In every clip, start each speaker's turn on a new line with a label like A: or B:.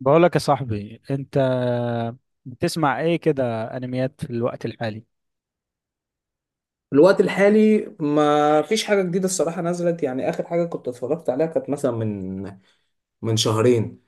A: بقولك يا صاحبي انت بتسمع ايه كده انميات في الوقت الحالي؟
B: في الوقت الحالي ما فيش حاجة جديدة الصراحة نزلت، يعني آخر حاجة كنت اتفرجت عليها كانت مثلا من شهرين.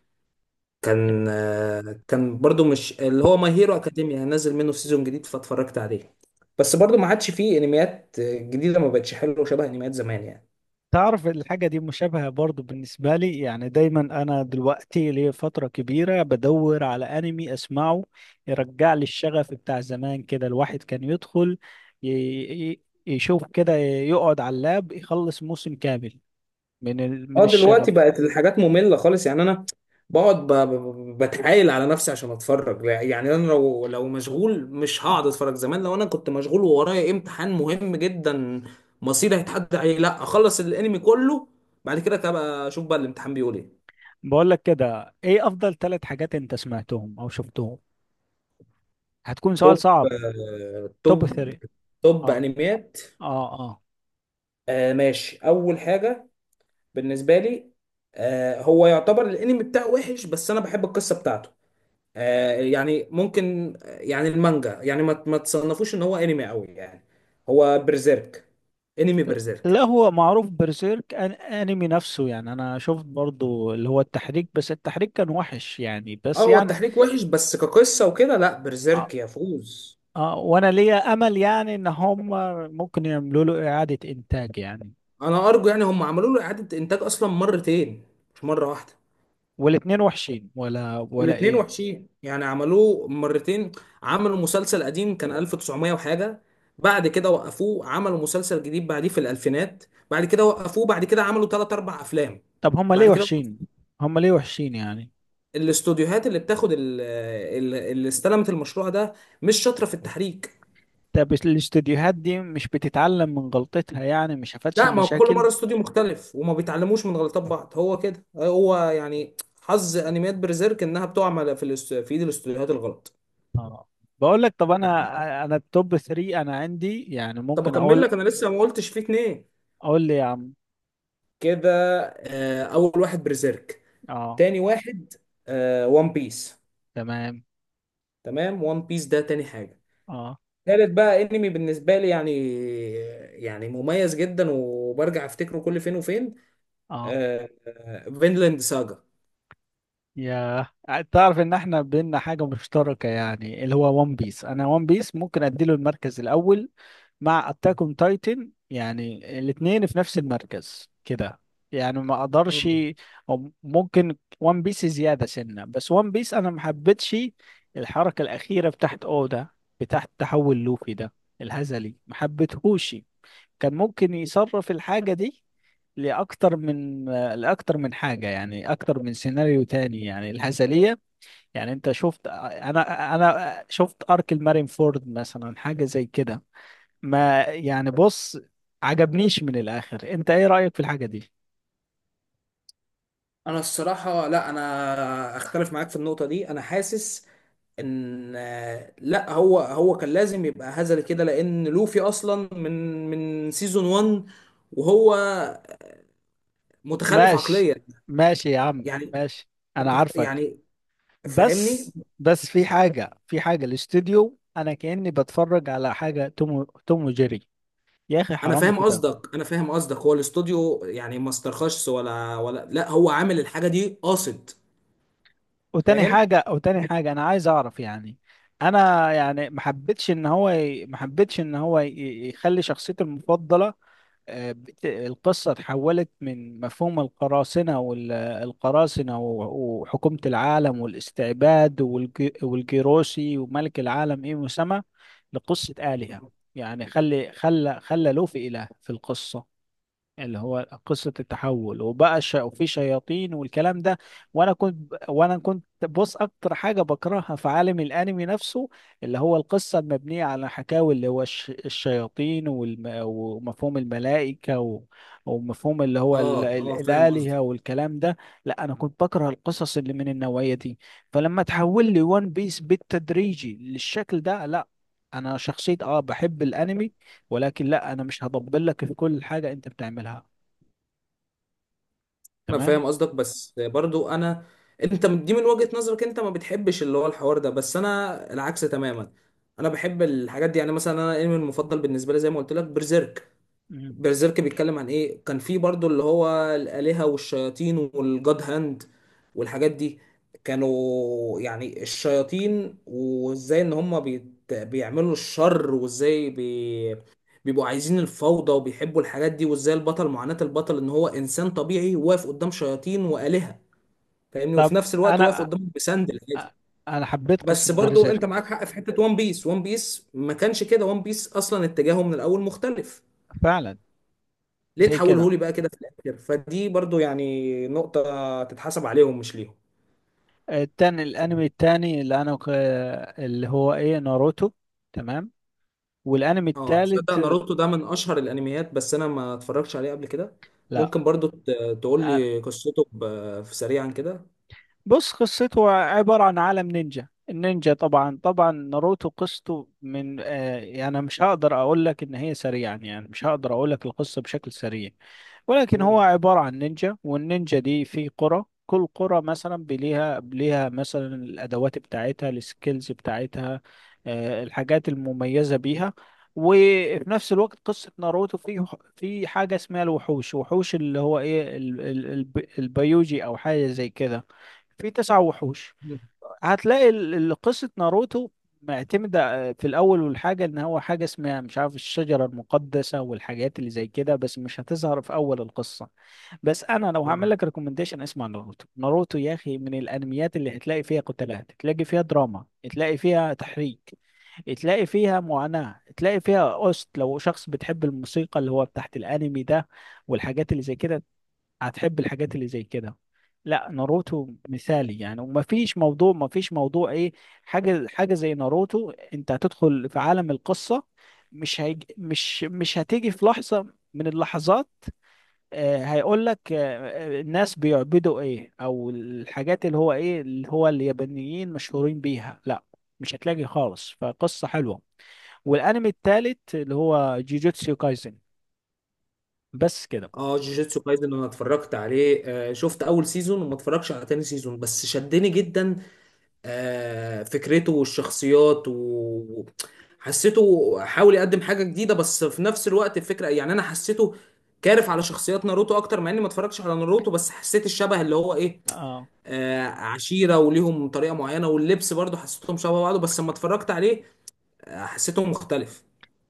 B: كان برضو مش اللي هو ماي هيرو أكاديميا نزل منه سيزون جديد فاتفرجت عليه. بس برضو ما عادش فيه انميات جديدة، ما بقتش حلوة شبه انميات زمان يعني.
A: تعرف الحاجة دي مشابهة برضو بالنسبة لي، يعني دايما انا دلوقتي ليا فترة كبيرة بدور على انمي اسمعه يرجع لي الشغف بتاع زمان، كده الواحد كان يدخل ي- يشوف كده يقعد على اللاب يخلص موسم كامل من من
B: اه، دلوقتي
A: الشغف.
B: بقت الحاجات مملة خالص. يعني انا بقعد بتعايل على نفسي عشان اتفرج. يعني انا لو مشغول مش هقعد اتفرج. زمان لو انا كنت مشغول وورايا امتحان مهم جدا مصيري هيتحدد عليه، لا اخلص الانمي كله بعد كده، كده اشوف بقى الامتحان بيقول ايه.
A: بقولك كده ايه افضل ثلاث حاجات انت سمعتهم او شفتهم؟ هتكون سؤال
B: توب
A: صعب.
B: آه،
A: توب
B: توب
A: ثلاثة.
B: توب
A: اه.
B: انميات.
A: اه. آه.
B: ماشي، اول حاجة بالنسبة لي، هو يعتبر الانمي بتاعه وحش بس انا بحب القصة بتاعته. يعني ممكن، يعني المانجا، يعني ما تصنفوش ان هو انمي قوي يعني. هو برزيرك، انمي
A: لا
B: برزيرك.
A: هو معروف برسيرك أن انمي نفسه، يعني انا شفت برضو اللي هو التحريك بس التحريك كان وحش يعني،
B: اه،
A: بس
B: هو
A: يعني
B: التحريك وحش بس كقصة وكده لا،
A: آه.
B: برزيرك يفوز.
A: آه، وانا ليا امل يعني ان هم ممكن يعملوا له اعادة انتاج يعني.
B: انا ارجو، يعني هم عملوا له اعادة انتاج اصلا مرتين مش مرة واحدة.
A: والاتنين وحشين ولا
B: والاتنين
A: ايه؟
B: وحشين يعني، عملوه مرتين. عملوا مسلسل قديم كان 1900 وحاجة، بعد كده وقفوه عملوا مسلسل جديد بعديه في الالفينات، بعد كده وقفوه بعد كده عملوا ثلاث اربع افلام
A: طب هم ليه
B: بعد كده.
A: وحشين؟ هم ليه وحشين يعني؟
B: الاستوديوهات اللي بتاخد اللي استلمت المشروع ده مش شاطره في التحريك.
A: طب الاستديوهات دي مش بتتعلم من غلطتها، يعني مش شافتش
B: لا، ما هو كل
A: المشاكل؟
B: مره استوديو مختلف وما بيتعلموش من غلطات بعض، هو كده. هو يعني حظ انميات برزيرك انها بتقع في ايد الاستوديوهات الغلط.
A: اه. بقول لك، طب انا التوب ثلاثة انا عندي، يعني
B: طب
A: ممكن
B: اكمل لك،
A: اقول.
B: انا لسه ما قلتش فيه اتنين
A: اقول لي يا عم.
B: كده. اول واحد برزيرك،
A: اه.
B: تاني واحد وان بيس.
A: تمام.
B: تمام، وان بيس ده تاني حاجه.
A: اه.
B: تالت بقى انمي بالنسبه لي، يعني يعني مميز جدا وبرجع افتكره كل فين وفين،
A: اه.
B: فينلاند ساجا.
A: يا تعرف ان احنا بينا حاجة مشتركة، يعني اللي هو ون بيس، انا ون بيس ممكن اديله المركز الاول مع
B: آه.
A: اتاك اون تايتن، يعني الاتنين في نفس المركز كده. يعني ما اقدرش.
B: مم.
A: او ممكن ون بيس زيادة سنة، بس ون بيس انا ما حبيتش الحركة الاخيرة بتاعت اودا، بتاعت تحول لوفي ده الهزلي، ما حبيتهوش. كان ممكن يصرف الحاجة دي لأكتر من لأكتر من حاجة، يعني أكتر من سيناريو تاني، يعني الهزلية. يعني أنت شفت، أنا شفت أرك المارين فورد مثلا، حاجة زي كده. ما يعني بص عجبنيش من الآخر. أنت إيه رأيك في الحاجة دي؟
B: انا الصراحه لا، انا اختلف معاك في النقطه دي. انا حاسس ان، لا هو هو كان لازم يبقى هزل كده، لان لوفي اصلا من سيزون 1 وهو متخلف
A: ماشي.
B: عقليا
A: ماشي يا عم
B: يعني.
A: ماشي. أنا عارفك.
B: يعني فاهمني.
A: بس في حاجة، الاستوديو أنا كأني بتفرج على حاجة توم توم وجيري. يا أخي
B: انا
A: حرام
B: فاهم
A: كده.
B: قصدك، انا فاهم قصدك. هو الاستوديو يعني ما استرخصش ولا لا، هو عامل الحاجه دي قاصد. فاهم.
A: وتاني حاجة أنا عايز أعرف يعني. أنا يعني ما حبيتش إن هو ما حبيتش إن هو يخلي شخصيتي المفضلة، القصة اتحولت من مفهوم القراصنة والقراصنة وحكومة العالم والاستعباد والجيروسي وملك العالم، إيه مسمى، لقصة آلهة. يعني خلي خلى خلى لوفي إله في القصة، اللي هو قصة التحول وبقى وفي شياطين والكلام ده. وانا كنت بص اكتر حاجة بكرهها في عالم الانمي نفسه، اللي هو القصة المبنية على حكاوي، اللي هو الشياطين ومفهوم الملائكة ومفهوم اللي هو
B: اه اه، فاهم.
A: الآلهة والكلام ده. لا انا كنت بكره القصص اللي من النوعية دي، فلما تحول لي وان بيس بالتدريجي للشكل ده، لا. انا شخصية اه بحب الانمي، ولكن لا انا مش هطبل لك في كل حاجه انت بتعملها،
B: انا
A: تمام؟
B: فاهم قصدك بس برضو انا، انت دي من وجهة نظرك انت، ما بتحبش اللي هو الحوار ده، بس انا العكس تماما. انا بحب الحاجات دي يعني. مثلا انا الانمي المفضل بالنسبه لي زي ما قلت لك برزيرك.
A: مم.
B: برزيرك بيتكلم عن ايه؟ كان في برضو اللي هو الآلهة والشياطين والجاد هاند والحاجات دي. كانوا يعني الشياطين، وازاي ان هم بيعملوا الشر، وازاي بيبقوا عايزين الفوضى وبيحبوا الحاجات دي، وازاي البطل، معاناة البطل ان هو انسان طبيعي واقف قدام شياطين وآلهة، فاهمني؟ وفي
A: طب
B: نفس الوقت واقف
A: انا
B: قدام بسندل عادي.
A: انا حبيت قصه
B: بس برضو انت معاك
A: بيرزيرك
B: حق في حتة وان بيس. وان بيس ما كانش كده، وان بيس اصلا اتجاهه من الاول مختلف،
A: فعلا.
B: ليه
A: زي
B: تحوله
A: كده.
B: لي بقى كده في الاخر؟ فدي برضو يعني نقطة تتحسب عليهم مش ليهم.
A: التاني، الانمي التاني اللي اللي هو ايه، ناروتو. تمام. والانمي
B: اه، تصدق
A: التالت.
B: ناروتو ده من اشهر الانميات بس انا ما اتفرجتش عليه قبل كده.
A: لا
B: ممكن برضو تقول لي قصته في سريعا كده؟
A: بص، قصته عبارة عن عالم نينجا. النينجا طبعا، طبعا ناروتو قصته من آه، يعني أنا مش هقدر اقول لك ان هي سريعا، يعني مش هقدر اقول لك القصة بشكل سريع. ولكن هو
B: مم.
A: عبارة عن نينجا، والنينجا دي في قرى، كل قرى مثلا بليها ليها مثلا الادوات بتاعتها، السكيلز بتاعتها، الحاجات المميزة بيها. وفي نفس الوقت قصة ناروتو في حاجة اسمها الوحوش، وحوش اللي هو ايه البيوجي او حاجة زي كده. في تسع وحوش.
B: مم.
A: هتلاقي قصة ناروتو معتمدة في الأول، والحاجة إن هو حاجة اسمها مش عارف الشجرة المقدسة والحاجات اللي زي كده، بس مش هتظهر في أول القصة. بس أنا لو هعمل
B: اه
A: لك ريكومنديشن، اسمع ناروتو. ناروتو يا أخي من الأنميات اللي هتلاقي فيها قتالات، تلاقي فيها دراما، تلاقي فيها تحريك، تلاقي فيها معاناة، تلاقي فيها أوست. لو شخص بتحب الموسيقى اللي هو بتاعت الأنمي ده والحاجات اللي زي كده، هتحب الحاجات اللي زي كده. لا ناروتو مثالي يعني، ومفيش موضوع، مفيش موضوع ايه، حاجه حاجه زي ناروتو انت هتدخل في عالم القصه. مش هيج... مش مش هتيجي في لحظه من اللحظات هيقول لك الناس بيعبدوا ايه، او الحاجات اللي هو ايه، اللي هو اليابانيين مشهورين بيها، لا مش هتلاقي خالص، فقصه حلوه. والانمي التالت اللي هو جيجوتسو كايزن، بس كده.
B: اه، جوجيتسو كايزن، انا اتفرجت عليه. شفت اول سيزون وما اتفرجش على تاني سيزون، بس شدني جدا. فكرته والشخصيات و حسيته، حاول يقدم حاجة جديدة بس في نفس الوقت الفكرة يعني. أنا حسيته كارف على شخصيات ناروتو أكتر، مع إني ما اتفرجتش على ناروتو، بس حسيت الشبه اللي هو إيه،
A: اه.
B: عشيرة وليهم طريقة معينة، واللبس برضو حسيتهم شبه بعض، بس لما اتفرجت عليه حسيته مختلف.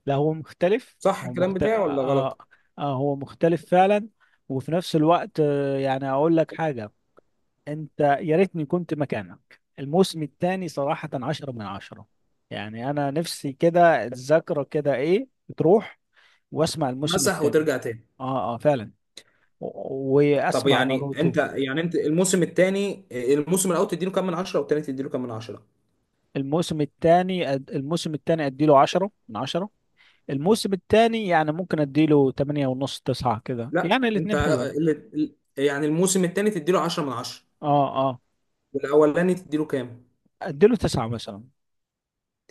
A: لا هو مختلف.
B: صح
A: هو
B: الكلام
A: مختلف،
B: بتاعي ولا غلط؟
A: آه هو مختلف فعلا. وفي نفس الوقت آه، يعني أقول لك حاجة، أنت يا ريتني كنت مكانك. الموسم الثاني صراحة عشرة من عشرة، يعني أنا نفسي كده الذاكرة كده إيه تروح وأسمع الموسم
B: مسح
A: الثاني.
B: وترجع تاني.
A: آه آه فعلا.
B: طب
A: وأسمع
B: يعني
A: ناروتو.
B: أنت، يعني أنت الموسم التاني، الموسم الأول تديله كام من عشرة والتاني تديله كام من عشرة؟
A: الموسم الثاني أديله عشرة من عشرة. الموسم الثاني يعني ممكن أديله تمانية ونص، تسعة كده،
B: لا،
A: يعني
B: انت
A: الاتنين حلوين.
B: يعني الموسم الثاني تديله 10 من 10
A: آه آه.
B: والاولاني تديله كام؟
A: اديله تسعة مثلا.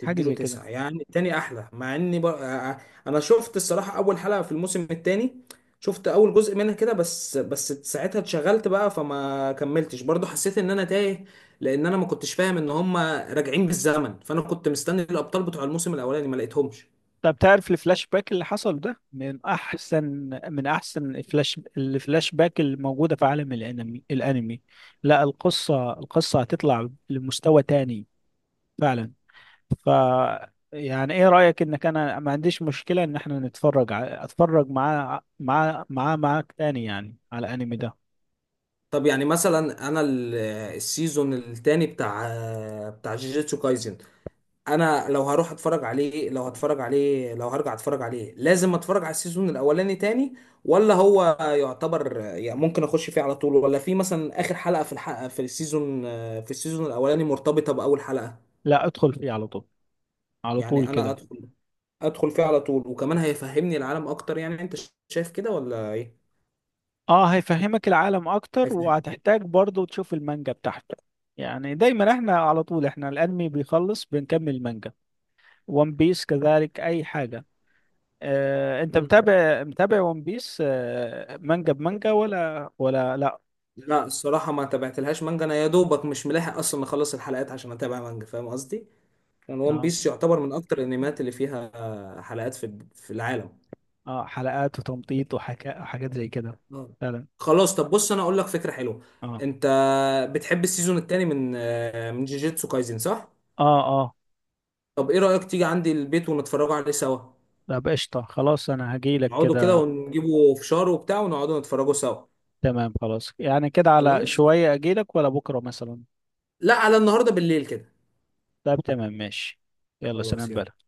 A: حاجة زي كده.
B: 9؟ يعني الثاني احلى. مع اني بقى انا شفت الصراحه اول حلقه في الموسم الثاني، شفت اول جزء منها كده بس ساعتها اتشغلت بقى فما كملتش. برضو حسيت ان انا تايه، لان انا ما كنتش فاهم ان هم راجعين بالزمن، فانا كنت مستني الابطال بتوع الموسم الاولاني ما لقيتهمش.
A: طب تعرف الفلاش باك اللي حصل ده من احسن من احسن الفلاش، الفلاش باك الموجودة في عالم الانمي. لا، القصة، القصة هتطلع لمستوى تاني. فعلا. ف يعني ايه رأيك انك، انا ما عنديش مشكلة ان احنا نتفرج اتفرج معاه مع مع معاك تاني يعني على الانمي ده.
B: طب يعني مثلا انا السيزون الثاني بتاع، بتاع جيجيتسو كايزن، انا لو هروح اتفرج عليه، لو هتفرج عليه، لو هرجع اتفرج عليه، لازم اتفرج على السيزون الاولاني تاني ولا هو يعتبر يعني ممكن اخش فيه على طول؟ ولا في مثلا اخر حلقة في الحلقة في السيزون، الاولاني مرتبطة باول حلقة؟
A: لا ادخل فيه على طول، على
B: يعني
A: طول
B: انا
A: كده.
B: ادخل، فيه على طول، وكمان هيفهمني العالم اكتر، يعني انت شايف كده ولا ايه؟
A: اه هيفهمك العالم اكتر،
B: هيفهم.
A: وهتحتاج برضو تشوف المانجا بتاعته. يعني دايما احنا على طول احنا الانمي بيخلص بنكمل المانجا. ون بيس كذلك، اي حاجة. آه انت
B: مم.
A: متابع، ون بيس آه مانجا بمانجا، ولا لا؟
B: لا، الصراحة ما تابعتلهاش مانجا. انا يا دوبك مش ملاحق اصلا اخلص الحلقات عشان اتابع مانجا، فاهم قصدي؟ كان ون
A: اه.
B: بيس يعتبر من اكتر الانميات اللي فيها حلقات في العالم.
A: اه حلقات وتمطيط وحكا وحاجات زي كده.
B: اه.
A: فعلا.
B: خلاص، طب بص انا اقول لك فكره حلوه.
A: اه.
B: انت بتحب السيزون التاني من، من جيجيتسو كايزن، صح؟
A: اه. اه.
B: طب ايه رايك تيجي عندي البيت ونتفرجوا عليه سوا؟
A: طب قشطة، خلاص انا هجيلك
B: نقعدوا كده
A: كده.
B: ونجيبوا فشار وبتاع ونقعدوا نتفرجوا سوا.
A: تمام خلاص، يعني كده على
B: خلاص،
A: شوية اجيلك، ولا بكرة مثلا؟
B: لا على النهارده بالليل كده.
A: طب تمام، ماشي. يلا
B: خلاص،
A: سلام
B: يلا.
A: بقى.